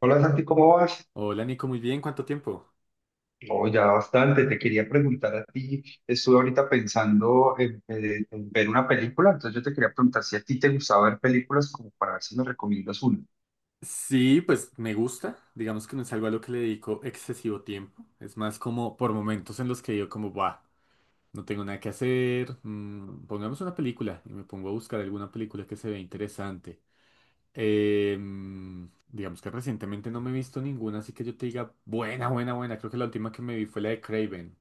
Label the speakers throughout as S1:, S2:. S1: Hola Santi, ¿cómo vas?
S2: Hola Nico, muy bien, ¿cuánto tiempo?
S1: Oh, ya bastante. Te quería preguntar a ti. Estuve ahorita pensando en ver una película, entonces yo te quería preguntar si a ti te gustaba ver películas como para ver si me recomiendas una.
S2: Sí, pues me gusta, digamos que no es algo a lo que le dedico excesivo tiempo, es más como por momentos en los que yo como, buah, no tengo nada que hacer, pongamos una película y me pongo a buscar alguna película que se vea interesante. Digamos que recientemente no me he visto ninguna, así que yo te diga, buena, buena, buena, creo que la última que me vi fue la de Craven,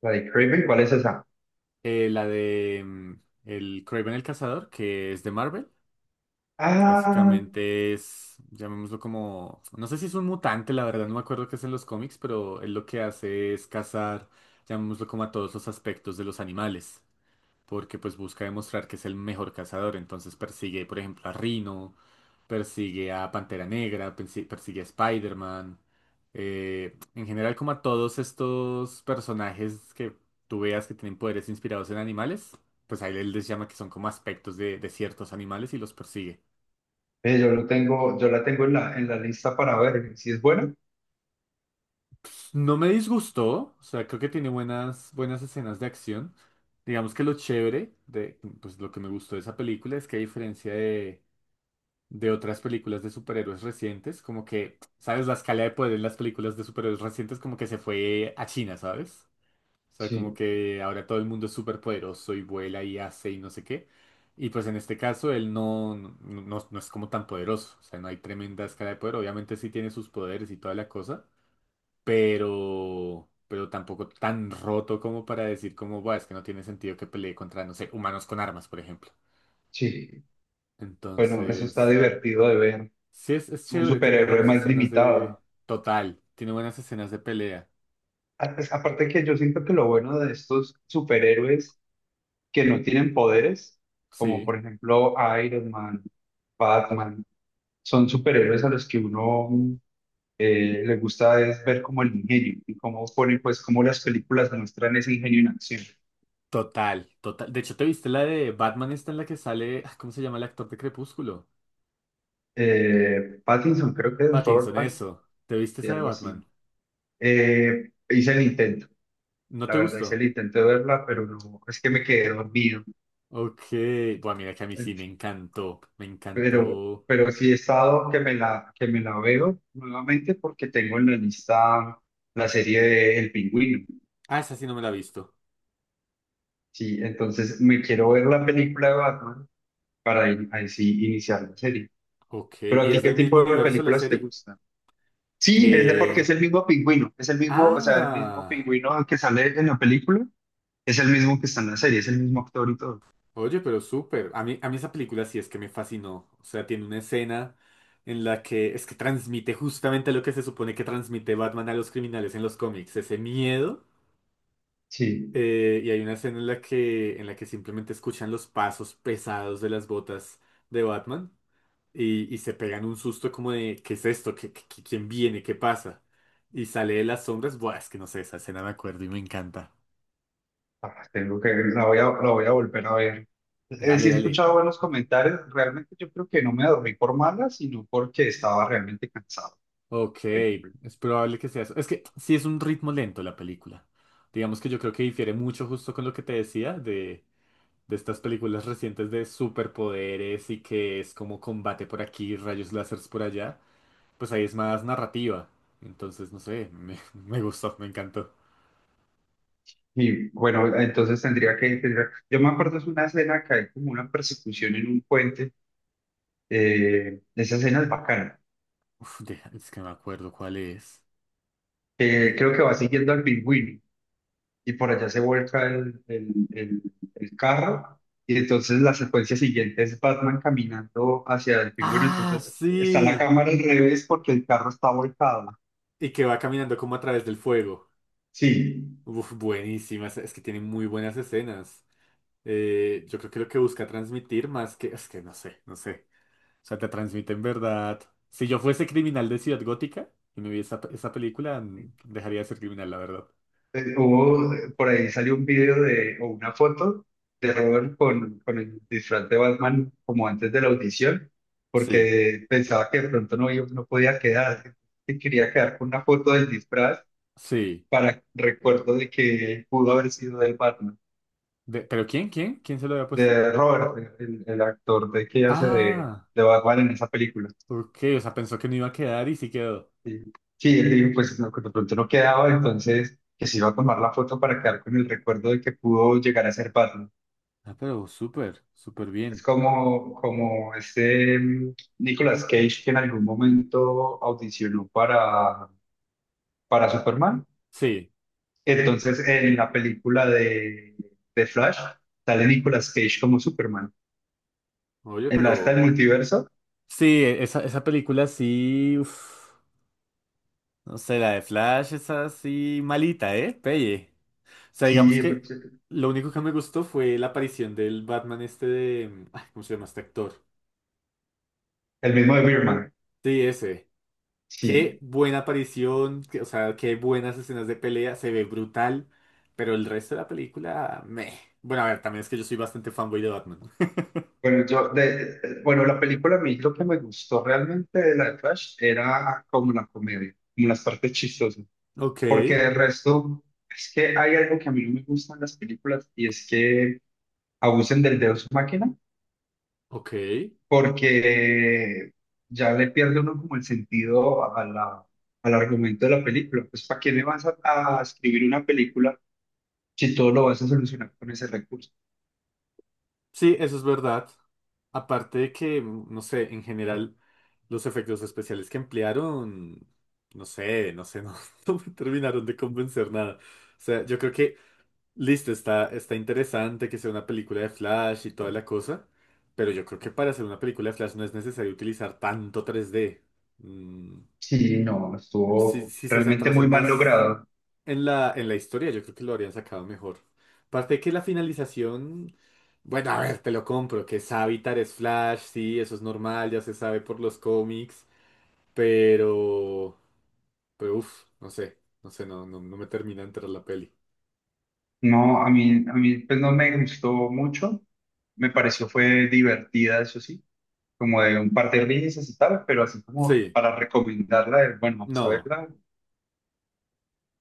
S1: La de Craven, ¿cuál es esa?
S2: eh, la de mm, el Craven el Cazador, que es de Marvel. Que
S1: Ah,
S2: básicamente es, llamémoslo como, no sé si es un mutante, la verdad no me acuerdo qué es en los cómics, pero él lo que hace es cazar, llamémoslo como a todos los aspectos de los animales, porque pues busca demostrar que es el mejor cazador, entonces persigue, por ejemplo, a Rhino, persigue a Pantera Negra, persigue a Spider-Man, en general como a todos estos personajes que tú veas que tienen poderes inspirados en animales, pues a él, él les llama que son como aspectos de ciertos animales y los persigue.
S1: yo lo tengo, yo la tengo en la lista para ver. ¿Si es buena?
S2: No me disgustó, o sea, creo que tiene buenas, buenas escenas de acción. Digamos que lo chévere de, pues lo que me gustó de esa película es que a diferencia de otras películas de superhéroes recientes, como que, ¿sabes? La escala de poder en las películas de superhéroes recientes como que se fue a China, ¿sabes? O sea, como
S1: Sí,
S2: que ahora todo el mundo es súper poderoso y vuela y hace y no sé qué. Y pues en este caso él no, no, no es como tan poderoso, o sea, no hay tremenda escala de poder, obviamente sí tiene sus poderes y toda la cosa, pero tampoco tan roto como para decir como, "Buah, es que no tiene sentido que pelee contra, no sé, humanos con armas, por ejemplo.
S1: sí. Bueno, eso está
S2: Entonces,
S1: divertido de ver.
S2: sí es
S1: Un
S2: chévere, tiene
S1: superhéroe
S2: buenas
S1: más
S2: escenas
S1: limitado,
S2: de...
S1: ¿no?
S2: Total, tiene buenas escenas de pelea.
S1: Aparte que yo siento que lo bueno de estos superhéroes que no tienen poderes, como
S2: Sí,
S1: por ejemplo Iron Man, Batman, son superhéroes a los que uno le gusta es ver como el ingenio y cómo ponen, pues, cómo las películas demuestran ese ingenio en acción.
S2: total, total. De hecho, ¿te viste la de Batman esta en la que sale, ah, ¿cómo se llama el actor de Crepúsculo?
S1: Pattinson, creo que es
S2: Pattinson,
S1: Robert Pattinson,
S2: eso. ¿Te viste
S1: y
S2: esa de
S1: algo así.
S2: Batman?
S1: Hice el intento,
S2: ¿No
S1: la
S2: te
S1: verdad, hice el
S2: gustó?
S1: intento de verla, pero no, es que me quedé dormido.
S2: Ok, bueno, mira que a mí sí me encantó, me
S1: Pero,
S2: encantó.
S1: pero sí he estado que me la veo nuevamente porque tengo en la lista la serie de El Pingüino.
S2: Ah, esa sí no me la he visto.
S1: Sí, entonces me quiero ver la película de Batman para ahí sí iniciar la serie.
S2: Ok,
S1: Pero a
S2: ¿y
S1: ti,
S2: es
S1: ¿qué
S2: del mismo
S1: tipo de
S2: universo la
S1: películas te
S2: serie?
S1: gustan? Sí, es de porque
S2: Eh,
S1: es el mismo pingüino, es el mismo, o sea, el mismo
S2: ah,
S1: pingüino que sale en la película, es el mismo que está en la serie, es el mismo actor y todo.
S2: oye, pero súper. A mí esa película sí es que me fascinó. O sea, tiene una escena en la que es que transmite justamente lo que se supone que transmite Batman a los criminales en los cómics, ese miedo.
S1: Sí.
S2: Y hay una escena en la que simplemente escuchan los pasos pesados de las botas de Batman y se pegan un susto como de, ¿qué es esto? ¿Qué, qué- quién viene? ¿Qué pasa? Y sale de las sombras. Buah, es que no sé, esa escena me acuerdo y me encanta.
S1: Ah, tengo que la voy a volver a ver. Sí
S2: Dale,
S1: he
S2: dale.
S1: escuchado buenos comentarios, realmente yo creo que no me dormí por mala, sino porque estaba realmente cansado.
S2: Ok,
S1: Pero yo creo-
S2: es probable que sea eso. Es que sí es un ritmo lento la película. Digamos que yo creo que difiere mucho justo con lo que te decía de estas películas recientes de superpoderes y que es como combate por aquí, rayos láseres por allá. Pues ahí es más narrativa. Entonces, no sé, me, me gustó, me encantó.
S1: Y bueno, entonces yo me acuerdo es una escena que hay como una persecución en un puente, esa escena es bacana.
S2: Uf, deja- es que no me acuerdo cuál es. El-
S1: Creo que va siguiendo al pingüino. Y por allá se vuelca el- el carro y entonces la secuencia siguiente es Batman caminando hacia el pingüino,
S2: ¡Ah,
S1: entonces está la
S2: sí!
S1: cámara al revés porque el carro está volcado.
S2: Y que va caminando como a través del fuego.
S1: Sí.
S2: Uf, buenísimas. Es que tiene muy buenas escenas. Yo creo que lo que busca transmitir más que, es que no sé, no sé. O sea, te transmite en verdad. Si yo fuese criminal de Ciudad Gótica y me vi esa, esa película, dejaría de ser criminal, la verdad.
S1: Por ahí salió un video de, o una foto de Robert con el disfraz de Batman como antes de la audición,
S2: Sí.
S1: porque pensaba que de pronto no podía quedar, que quería quedar con una foto del disfraz
S2: Sí.
S1: para recuerdo de que pudo haber sido del Batman.
S2: De- ¿pero quién? ¿Quién? ¿Quién se lo había puesto?
S1: De Robert, el actor de que hace de,
S2: Ah,
S1: de Batman en esa película.
S2: ok. O sea, pensó que no iba a quedar y sí quedó.
S1: Sí, sí, él dijo, pues no, que de pronto no quedaba, entonces que se iba a tomar la foto para quedar con el recuerdo de que pudo llegar a ser Batman.
S2: Ah, pero súper, súper
S1: Es
S2: bien.
S1: como, como este Nicolas Cage que en algún momento audicionó para Superman.
S2: Sí.
S1: Entonces, en la película de Flash, sale Nicolas Cage como Superman.
S2: Oye,
S1: En la está el
S2: pero...
S1: multiverso,
S2: Sí, e, esa película sí... uf. No sé, la de Flash es así malita, ¿eh? Pelle. Sea, digamos
S1: sí,
S2: que lo único que me gustó fue la aparición del Batman este de... ay, ¿cómo se llama este actor?
S1: el mismo de Birdman,
S2: Sí, ese. Qué
S1: sí.
S2: buena aparición, que- o sea, qué buenas escenas de pelea, se ve brutal, pero el resto de la película, meh. Bueno, a ver, también es que yo soy bastante fanboy de Batman.
S1: Bueno, yo bueno, la película a mí lo que me gustó realmente de la de Flash era como la comedia, como las partes chistosas,
S2: Ok,
S1: porque el resto es que hay algo que a mí no me gusta en las películas y es que abusen del Deus máquina,
S2: ok.
S1: porque ya le pierde uno como el sentido a la, al argumento de la película. Pues ¿para qué le a escribir una película si todo lo vas a solucionar con ese recurso?
S2: Sí, eso es verdad. Aparte de que, no sé, en general, los efectos especiales que emplearon, no sé, no sé, no, no me terminaron de convencer nada. O sea, yo creo que listo, está, está interesante que sea una película de Flash y toda la cosa, pero yo creo que para hacer una película de Flash no es necesario utilizar tanto 3D. Mm,
S1: Sí, no,
S2: si,
S1: estuvo
S2: si se
S1: realmente
S2: centrasen
S1: muy mal
S2: más
S1: logrado.
S2: en la historia, yo creo que lo habrían sacado mejor. Aparte de que la finalización, bueno, a ver, te lo compro, que Savitar es Flash, sí, eso es normal, ya se sabe por los cómics, pero... Pero uff, no sé, no sé, no, no, no me termina de entrar la peli.
S1: No, a mí pues no me gustó mucho, me pareció fue divertida, eso sí, como de un par de risas y tal, pero así como
S2: Sí,
S1: para recomendarla, de, bueno, vamos a
S2: no.
S1: verla, o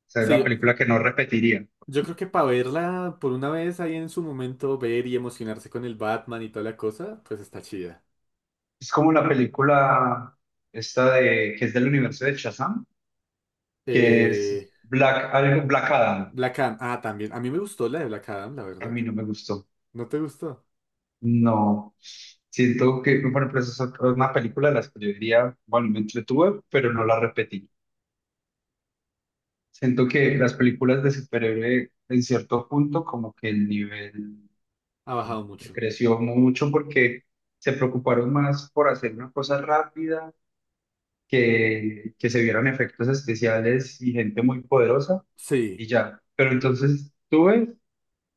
S1: sea, es
S2: Sí,
S1: la
S2: yo,
S1: película que no repetiría.
S2: Yo creo que para verla por una vez ahí en su momento, ver y emocionarse con el Batman y toda la cosa, pues está chida.
S1: Es como la película esta de, que es del universo de Shazam, que es
S2: Eh,
S1: Black Adam,
S2: Black Adam, ah, también. A mí me gustó la de Black Adam, la
S1: a
S2: verdad.
S1: mí no me gustó,
S2: ¿No te gustó?
S1: no, siento que, bueno, pues es una película de las que yo diría, bueno, me entretuve, pero no la repetiría. Siento que las películas de superhéroe en cierto punto como que el nivel
S2: Ha bajado mucho.
S1: creció mucho porque se preocuparon más por hacer una cosa rápida, que se vieran efectos especiales y gente muy poderosa
S2: Sí,
S1: y ya. Pero entonces tú ves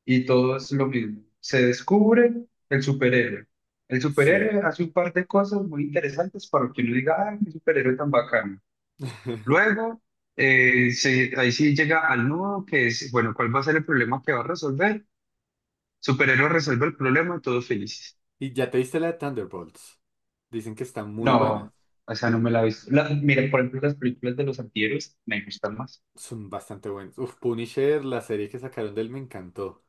S1: y todo es lo mismo. Se descubre el superhéroe. El
S2: sí.
S1: superhéroe hace un par de cosas muy interesantes para que uno diga, ¡ay, qué superhéroe tan bacano! Luego, ahí sí llega al nudo, que es, bueno, ¿cuál va a ser el problema que va a resolver? Superhéroe resuelve el problema, todos felices.
S2: ¿Y ya te viste la de Thunderbolts? Dicen que está muy buena.
S1: No, o sea, no me la he visto. La- mira, por ejemplo, las películas de los antihéroes me gustan más.
S2: Son bastante buenas. Uf, Punisher, la serie que sacaron de él me encantó.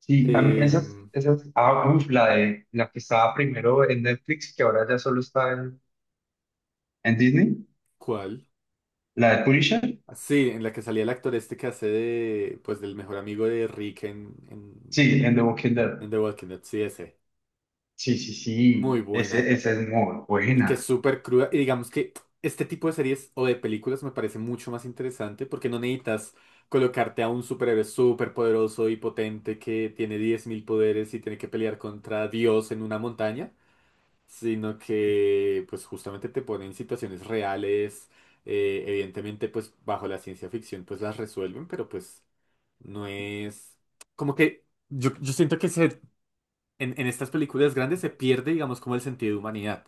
S1: Sí, a mí esas,
S2: Em,
S1: esas, ah, uf, la de, la que estaba primero en Netflix, que ahora ya solo en Disney,
S2: ¿cuál?
S1: la de Punisher,
S2: Ah, sí, en la que salía el actor este que hace de, pues, del mejor amigo de Rick
S1: sí, en The Walking Dead.
S2: en The Walking Dead, sí, ese.
S1: Sí, sí,
S2: Muy
S1: sí, ese,
S2: buena.
S1: esa es muy
S2: Y que es
S1: buena.
S2: súper cruda. Y digamos que este tipo de series o de películas me parece mucho más interesante porque no necesitas colocarte a un superhéroe súper poderoso y potente que tiene 10.000 poderes y tiene que pelear contra Dios en una montaña, sino que pues justamente te pone en situaciones reales. Evidentemente pues bajo la ciencia ficción pues las resuelven, pero pues no es como que yo siento que se en estas películas grandes se pierde, digamos, como el sentido de humanidad,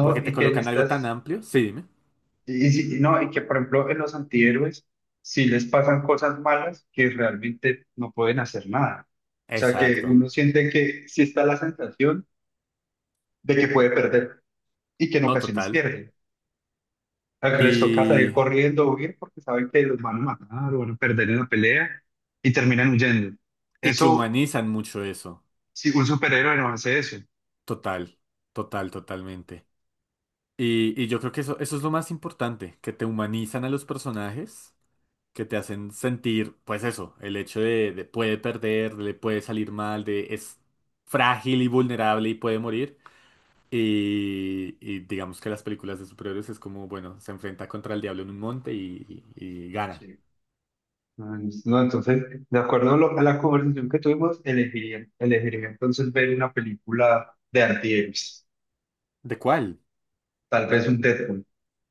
S2: porque te
S1: y que en
S2: colocan algo tan
S1: estas...
S2: amplio, sí, dime.
S1: Y no, y que por ejemplo en los antihéroes, si les pasan cosas malas, que realmente no pueden hacer nada. O sea, que
S2: Exacto,
S1: uno siente que sí está la sensación de que puede perder y que en
S2: no,
S1: ocasiones
S2: total.
S1: pierde. O sea, que les toca salir
S2: Y,
S1: corriendo o huir porque saben que los van a matar o van a perder en la pelea y terminan huyendo.
S2: y que
S1: Eso,
S2: humanizan mucho eso,
S1: si un superhéroe no hace eso.
S2: total, total, totalmente. Y yo creo que eso es lo más importante, que te humanizan a los personajes, que te hacen sentir, pues eso, el hecho de puede perder, le puede salir mal, de es frágil y vulnerable y puede morir. Y digamos que las películas de superhéroes es como, bueno, se enfrenta contra el diablo en un monte y, y gana.
S1: Sí. No, no, entonces, de acuerdo a, lo- a la conversación que tuvimos, elegiría entonces ver una película de antihéroes.
S2: ¿De cuál?
S1: Tal vez un Deadpool.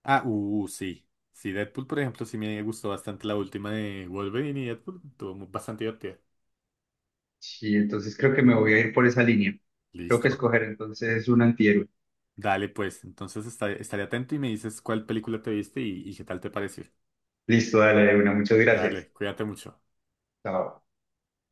S2: Ah, sí. Sí, Deadpool, por ejemplo, sí me gustó bastante la última de Wolverine y Deadpool. Estuvo mu- bastante divertida.
S1: Sí, entonces creo que me voy a ir por esa línea. Creo que
S2: Listo.
S1: escoger entonces un antihéroe.
S2: Dale, pues. Entonces esta- estaré atento y me dices cuál película te viste y qué tal te pareció.
S1: Listo, dale, una. Muchas gracias.
S2: Dale, cuídate mucho.
S1: Chao.